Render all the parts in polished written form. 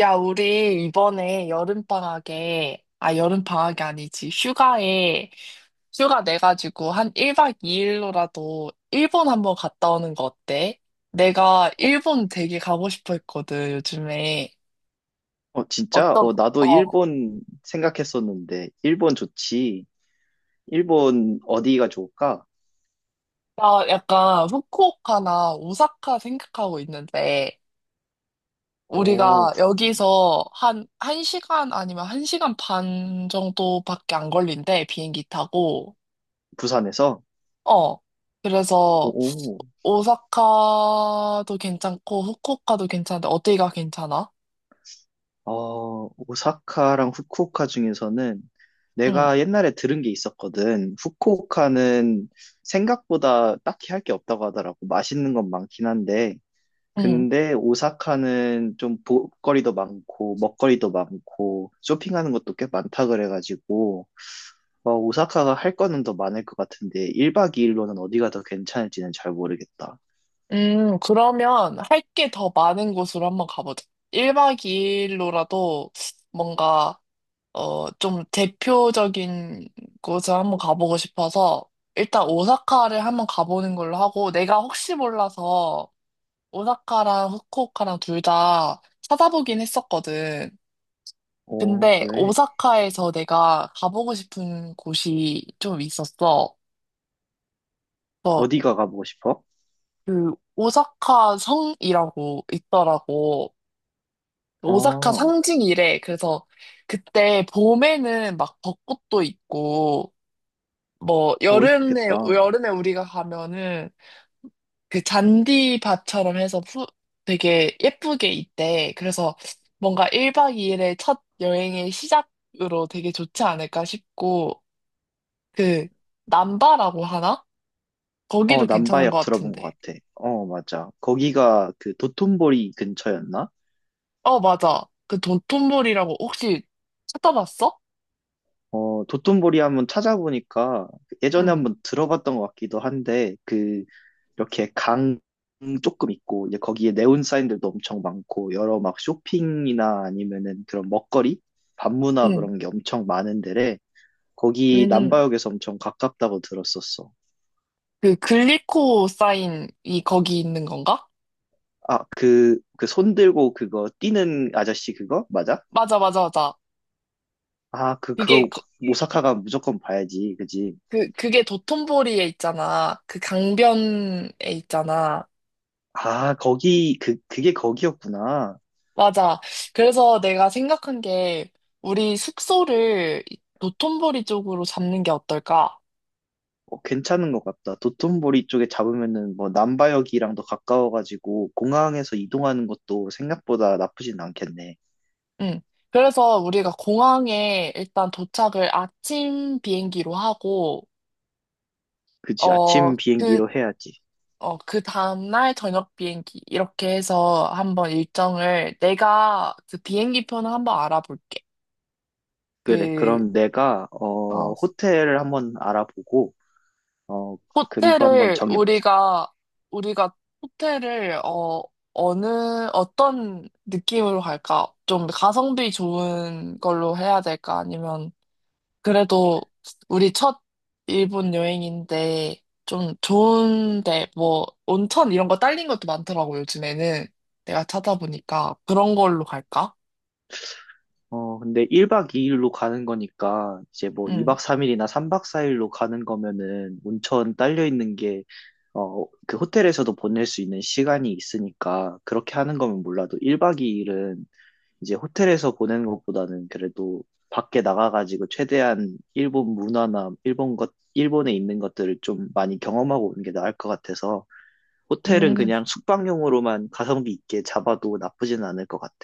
야, 우리 이번에 여름방학에, 아, 여름방학이 아니지, 휴가에, 휴가 내가지고 한 1박 2일로라도 일본 한번 갔다 오는 거 어때? 내가 어, 일본 되게 가고 싶어 했거든, 요즘에. 어, 진짜? 어떤, 어, 나도 어, 일본 생각했었는데, 일본 좋지. 일본 어디가 좋을까? 나 약간 후쿠오카나 오사카 생각하고 있는데, 오, 우리가 여기서 한시간 아니면 1시간 반 정도밖에 안 걸린대, 비행기 타고. 부산에서? 어, 오, 그래서 오. 오사카도 괜찮고 후쿠오카도 괜찮은데 어디가 괜찮아? 어, 오사카랑 후쿠오카 중에서는 응, 내가 옛날에 들은 게 있었거든. 후쿠오카는 생각보다 딱히 할 게 없다고 하더라고. 맛있는 건 많긴 한데. 응. 근데 오사카는 좀 볼거리도 많고, 먹거리도 많고, 쇼핑하는 것도 꽤 많다 그래가지고, 오사카가 할 거는 더 많을 것 같은데, 1박 2일로는 어디가 더 괜찮을지는 잘 모르겠다. 그러면 할 게 더 많은 곳으로 한번 가보자. 1박 2일로라도 뭔가 좀 대표적인 곳을 한번 가보고 싶어서 일단 오사카를 한번 가보는 걸로 하고 내가 혹시 몰라서 오사카랑 후쿠오카랑 둘 다 찾아보긴 했었거든. 오, 근데 그래. 오사카에서 내가 가보고 싶은 곳이 좀 있었어. 그래서 어디가 가보고 싶어? 그 오사카 성이라고 있더라고. 아, 오사카 어, 상징이래. 그래서 그때 봄에는 막 벚꽃도 있고 뭐 오, 여름에 이쁘겠다. 여름에 우리가 가면은 그 잔디밭처럼 해서 되게 예쁘게 있대. 그래서 뭔가 1박 2일의 첫 여행의 시작으로 되게 좋지 않을까 싶고 그 남바라고 하나? 어, 거기도 괜찮은 것 남바역 들어본 것 같은데. 같아. 어, 맞아. 거기가 그 도톤보리 근처였나? 어, 맞아. 그 돈톤볼이라고 혹시 찾아봤어? 어, 도톤보리 한번 찾아보니까 예전에 응, 한번 들어봤던 것 같기도 한데, 그 이렇게 강 조금 있고 이제 거기에 네온 사인들도 엄청 많고 여러 막 쇼핑이나 아니면은 그런 먹거리, 밤문화 응, 그런 게 엄청 많은 데래. 응. 거기 응. 남바역에서 엄청 가깝다고 들었었어. 그 글리코사인이 거기 있는 건가? 아, 그 손 들고 그거 뛰는 아저씨 그거? 맞아? 맞아, 맞아, 맞아. 아, 그, 그게 그거 거- 오사카가 무조건 봐야지. 그지? 그게 도톤보리에 있잖아. 그 강변에 있잖아. 아, 거기, 그게 거기였구나. 맞아. 그래서 내가 생각한 게 우리 숙소를 이 도톤보리 쪽으로 잡는 게 어떨까? 어, 괜찮은 것 같다. 도톤보리 쪽에 잡으면은 뭐 남바역이랑도 가까워가지고 공항에서 이동하는 것도 생각보다 나쁘진 않겠네. 응. 그래서 우리가 공항에 일단 도착을 아침 비행기로 하고, 그지? 어, 아침 그, 비행기로 해야지. 그 다음날 저녁 비행기, 이렇게 해서 한번 일정을, 내가 그 비행기 표는 한번 알아볼게. 그래. 그, 그럼 내가 어, 호텔을 한번 알아보고 어 그리고 한번 호텔을, 정해보자. 우리가 호텔을, 어느, 어떤 느낌으로 갈까? 좀 가성비 좋은 걸로 해야 될까? 아니면, 그래도 우리 첫 일본 여행인데 좀 좋은데 뭐 온천 이런 거 딸린 것도 많더라고 요즘에는 내가 찾아보니까 그런 걸로 갈까? 근데 1박 2일로 가는 거니까 이제 뭐 응, 2박 3일이나 3박 4일로 가는 거면은 온천 딸려 있는 게, 그 호텔에서도 보낼 수 있는 시간이 있으니까 그렇게 하는 거면 몰라도 1박 2일은 이제 호텔에서 보내는 것보다는 그래도 밖에 나가가지고 최대한 일본 문화나 일본 것, 일본에 있는 것들을 좀 많이 경험하고 오는 게 나을 것 같아서, 호텔은 음, 그냥 숙박용으로만 가성비 있게 잡아도 나쁘진 않을 것 같아.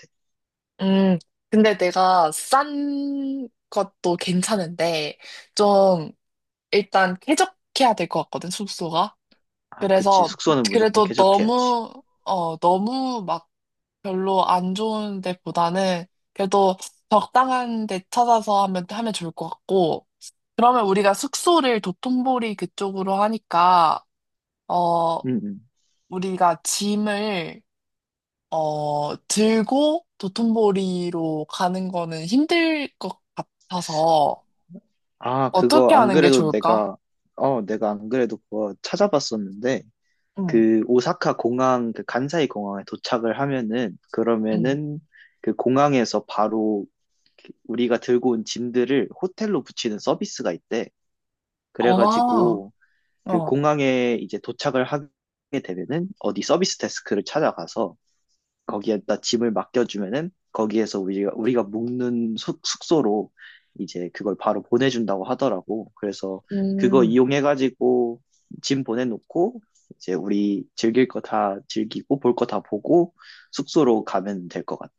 음. 근데 내가 싼 것도 괜찮은데 좀 일단 쾌적해야 될 것 같거든 숙소가. 아, 그치. 그래서 숙소는 무조건 그래도 쾌적해야지. 너무 너무 막 별로 안 좋은 데보다는 그래도 적당한 데 찾아서 하면 좋을 것 같고, 그러면 우리가 숙소를 도톤보리 그쪽으로 하니까, 어, 응응. 우리가 짐을, 들고 도톤보리로 가는 거는 힘들 것 같아서, 아, 그거 어떻게 안 하는 게 그래도 좋을까? 내가 안 그래도 그거 찾아봤었는데, 응, 그 오사카 공항, 그 간사이 공항에 도착을 하면은, 응. 그러면은 그 공항에서 바로 우리가 들고 온 짐들을 호텔로 붙이는 서비스가 있대. 아, 그래가지고 그 어. 공항에 이제 도착을 하게 되면은 어디 서비스 데스크를 찾아가서 거기에다 짐을 맡겨주면은 거기에서 우리가 묵는 숙소로 이제 그걸 바로 보내준다고 하더라고. 그래서 그거 음, 이용해가지고 짐 보내놓고 이제 우리 즐길 거 다 즐기고 볼 거 다 보고 숙소로 가면 될 것 같아.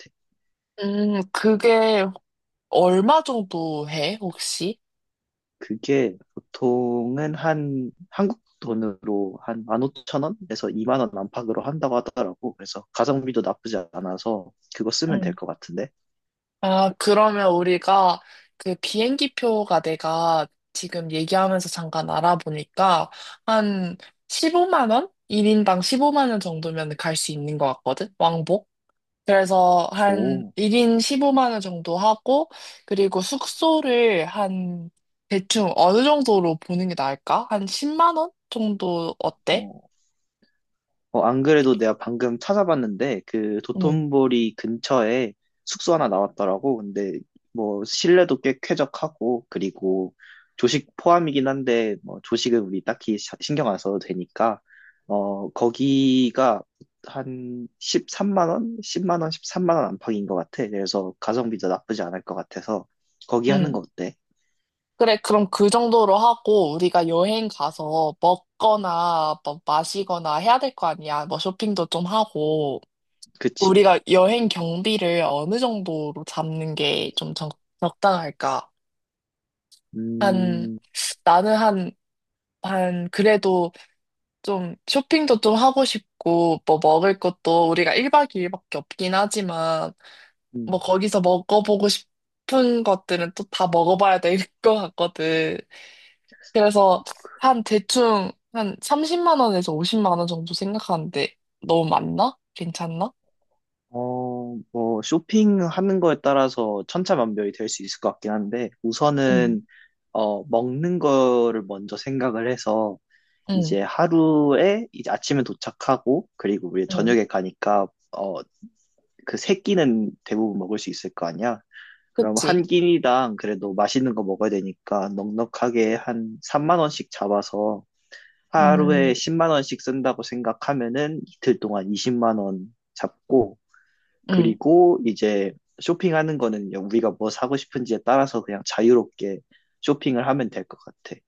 그게 얼마 정도 해, 혹시? 그게 보통은 한 한국 돈으로 한 15,000원에서 2만 원 안팎으로 한다고 하더라고. 그래서 가성비도 나쁘지 않아서 그거 쓰면 될 것 같은데. 아, 그러면 우리가 그 비행기표가 내가 지금 얘기하면서 잠깐 알아보니까 한 15만 원? 1인당 15만 원 정도면 갈 수 있는 것 같거든? 왕복? 그래서 한 오, 1인 15만 원 정도 하고 그리고 숙소를 한 대충 어느 정도로 보는 게 나을까? 한 10만 원 정도 어때? 어, 안 그래도 내가 방금 찾아봤는데, 그 응, 도톤보리 근처에 숙소 하나 나왔더라고. 근데 뭐 실내도 꽤 쾌적하고, 그리고 조식 포함이긴 한데, 뭐 조식은 우리 딱히 신경 안 써도 되니까, 거기가 한 13만 원? 10만 원, 13만 원 안팎인 것 같아. 그래서 가성비도 나쁘지 않을 것 같아서, 거기 하는 거 응. 어때? 그래, 그럼 그 정도로 하고 우리가 여행 가서 먹거나 뭐 마시거나 해야 될 거 아니야. 뭐 쇼핑도 좀 하고 그치? 우리가 여행 경비를 어느 정도로 잡는 게 좀 적당할까? 한 음, 나는 한 그래도 좀 쇼핑도 좀 하고 싶고, 뭐 먹을 것도 우리가 1박 2일밖에 없긴 하지만, 뭐 음. 거기서 먹어보고 싶은 것들은 또 다 먹어봐야 될 것 같거든. 그래서 한 대충 한 30만 원에서 50만 원 정도 생각하는데 너무 많나? 괜찮나? 뭐, 쇼핑하는 거에 따라서 천차만별이 될 수 있을 것 같긴 한데, 응, 우선은, 먹는 거를 먼저 생각을 해서, 응, 이제 하루에, 이제 아침에 도착하고, 그리고 우리 응. 저녁에 가니까, 그 세 끼는 대부분 먹을 수 있을 거 아니야? 그럼 한 그치? 끼니당 그래도 맛있는 거 먹어야 되니까, 넉넉하게 한 3만 원씩 잡아서, 음, 하루에 10만 원씩 쓴다고 생각하면은, 이틀 동안 20만 원 잡고, 응, 그리고 이제 쇼핑하는 거는 우리가 뭐 사고 싶은지에 따라서 그냥 자유롭게 쇼핑을 하면 될 것 같아.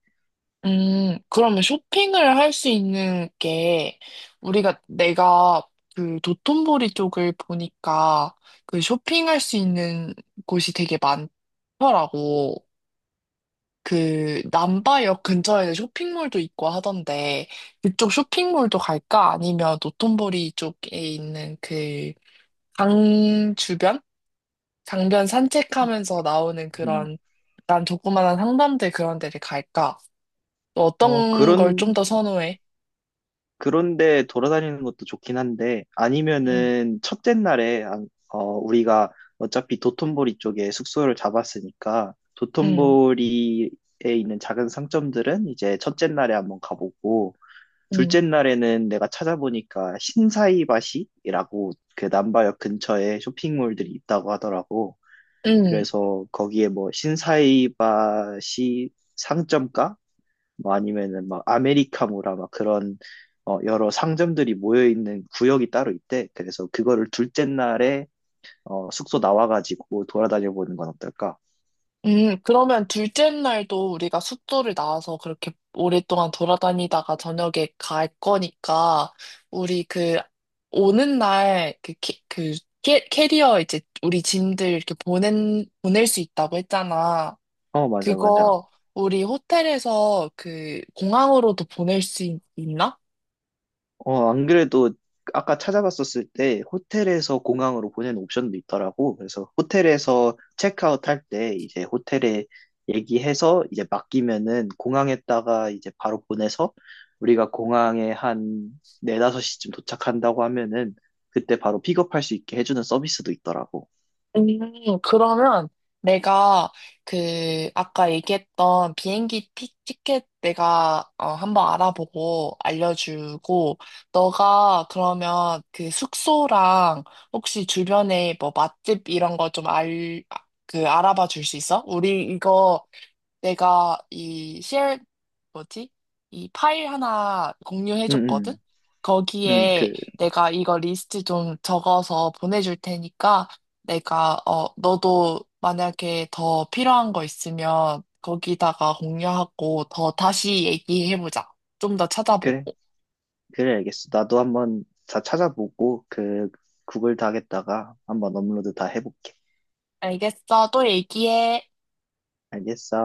그러면 쇼핑을 할 수 있는 게 우리가 내가 그 도톤보리 쪽을 보니까 그 쇼핑할 수 있는 곳이 되게 많더라고. 그 남바역 근처에 쇼핑몰도 있고 하던데 그쪽 쇼핑몰도 갈까? 아니면 노톤보리 쪽에 있는 그 강 주변? 강변 산책하면서 나오는 음. 그런 약간 조그만한 상점들 그런 데를 갈까? 또 어, 어떤 걸 좀 그런, 더 선호해? 그런데 돌아다니는 것도 좋긴 한데, 응, 아니면은 첫째 날에, 우리가 어차피 도톤보리 쪽에 숙소를 잡았으니까, 응, 도톤보리에 있는 작은 상점들은 이제 첫째 날에 한번 가보고, 응, 둘째 날에는 내가 찾아보니까 신사이바시라고 그 남바역 근처에 쇼핑몰들이 있다고 하더라고. 응. 그래서 거기에 뭐 신사이바시 상점가, 뭐 아니면은 막 아메리카노라 막 그런, 여러 상점들이 모여 있는 구역이 따로 있대. 그래서 그거를 둘째 날에 숙소 나와가지고 돌아다녀 보는 건 어떨까? 그러면 둘째 날도 우리가 숙소를 나와서 그렇게 오랫동안 돌아다니다가 저녁에 갈 거니까, 우리 오는 날, 캐리어 이제 우리 짐들 이렇게 보낼 수 있다고 했잖아. 어, 맞아, 맞아. 그거 우리 호텔에서 그 공항으로도 보낼 수 있나? 어, 안 그래도 아까 찾아봤었을 때 호텔에서 공항으로 보내는 옵션도 있더라고. 그래서 호텔에서 체크아웃 할 때 이제 호텔에 얘기해서 이제 맡기면은 공항에다가 이제 바로 보내서 우리가 공항에 한 4, 5시쯤 도착한다고 하면은 그때 바로 픽업할 수 있게 해주는 서비스도 있더라고. 그러면 내가 그 아까 얘기했던 비행기 티켓 내가 한번 알아보고 알려주고 너가 그러면 그 숙소랑 혹시 주변에 뭐 맛집 이런 거 좀 그 알아봐 줄 수 있어? 우리 이거 내가 이 뭐지? 이 파일 하나 응, 공유해줬거든? 응, 응, 거기에 내가 이거 리스트 좀 적어서 보내줄 테니까 너도 만약에 더 필요한 거 있으면 거기다가 공유하고 더 다시 얘기해보자. 좀 더 그래, 찾아보고. 그래, 알겠어. 나도 한번 다 찾아보고 그 구글 닥에다가 한번 업로드 다 해볼게. 알겠어. 또 얘기해. 알겠어.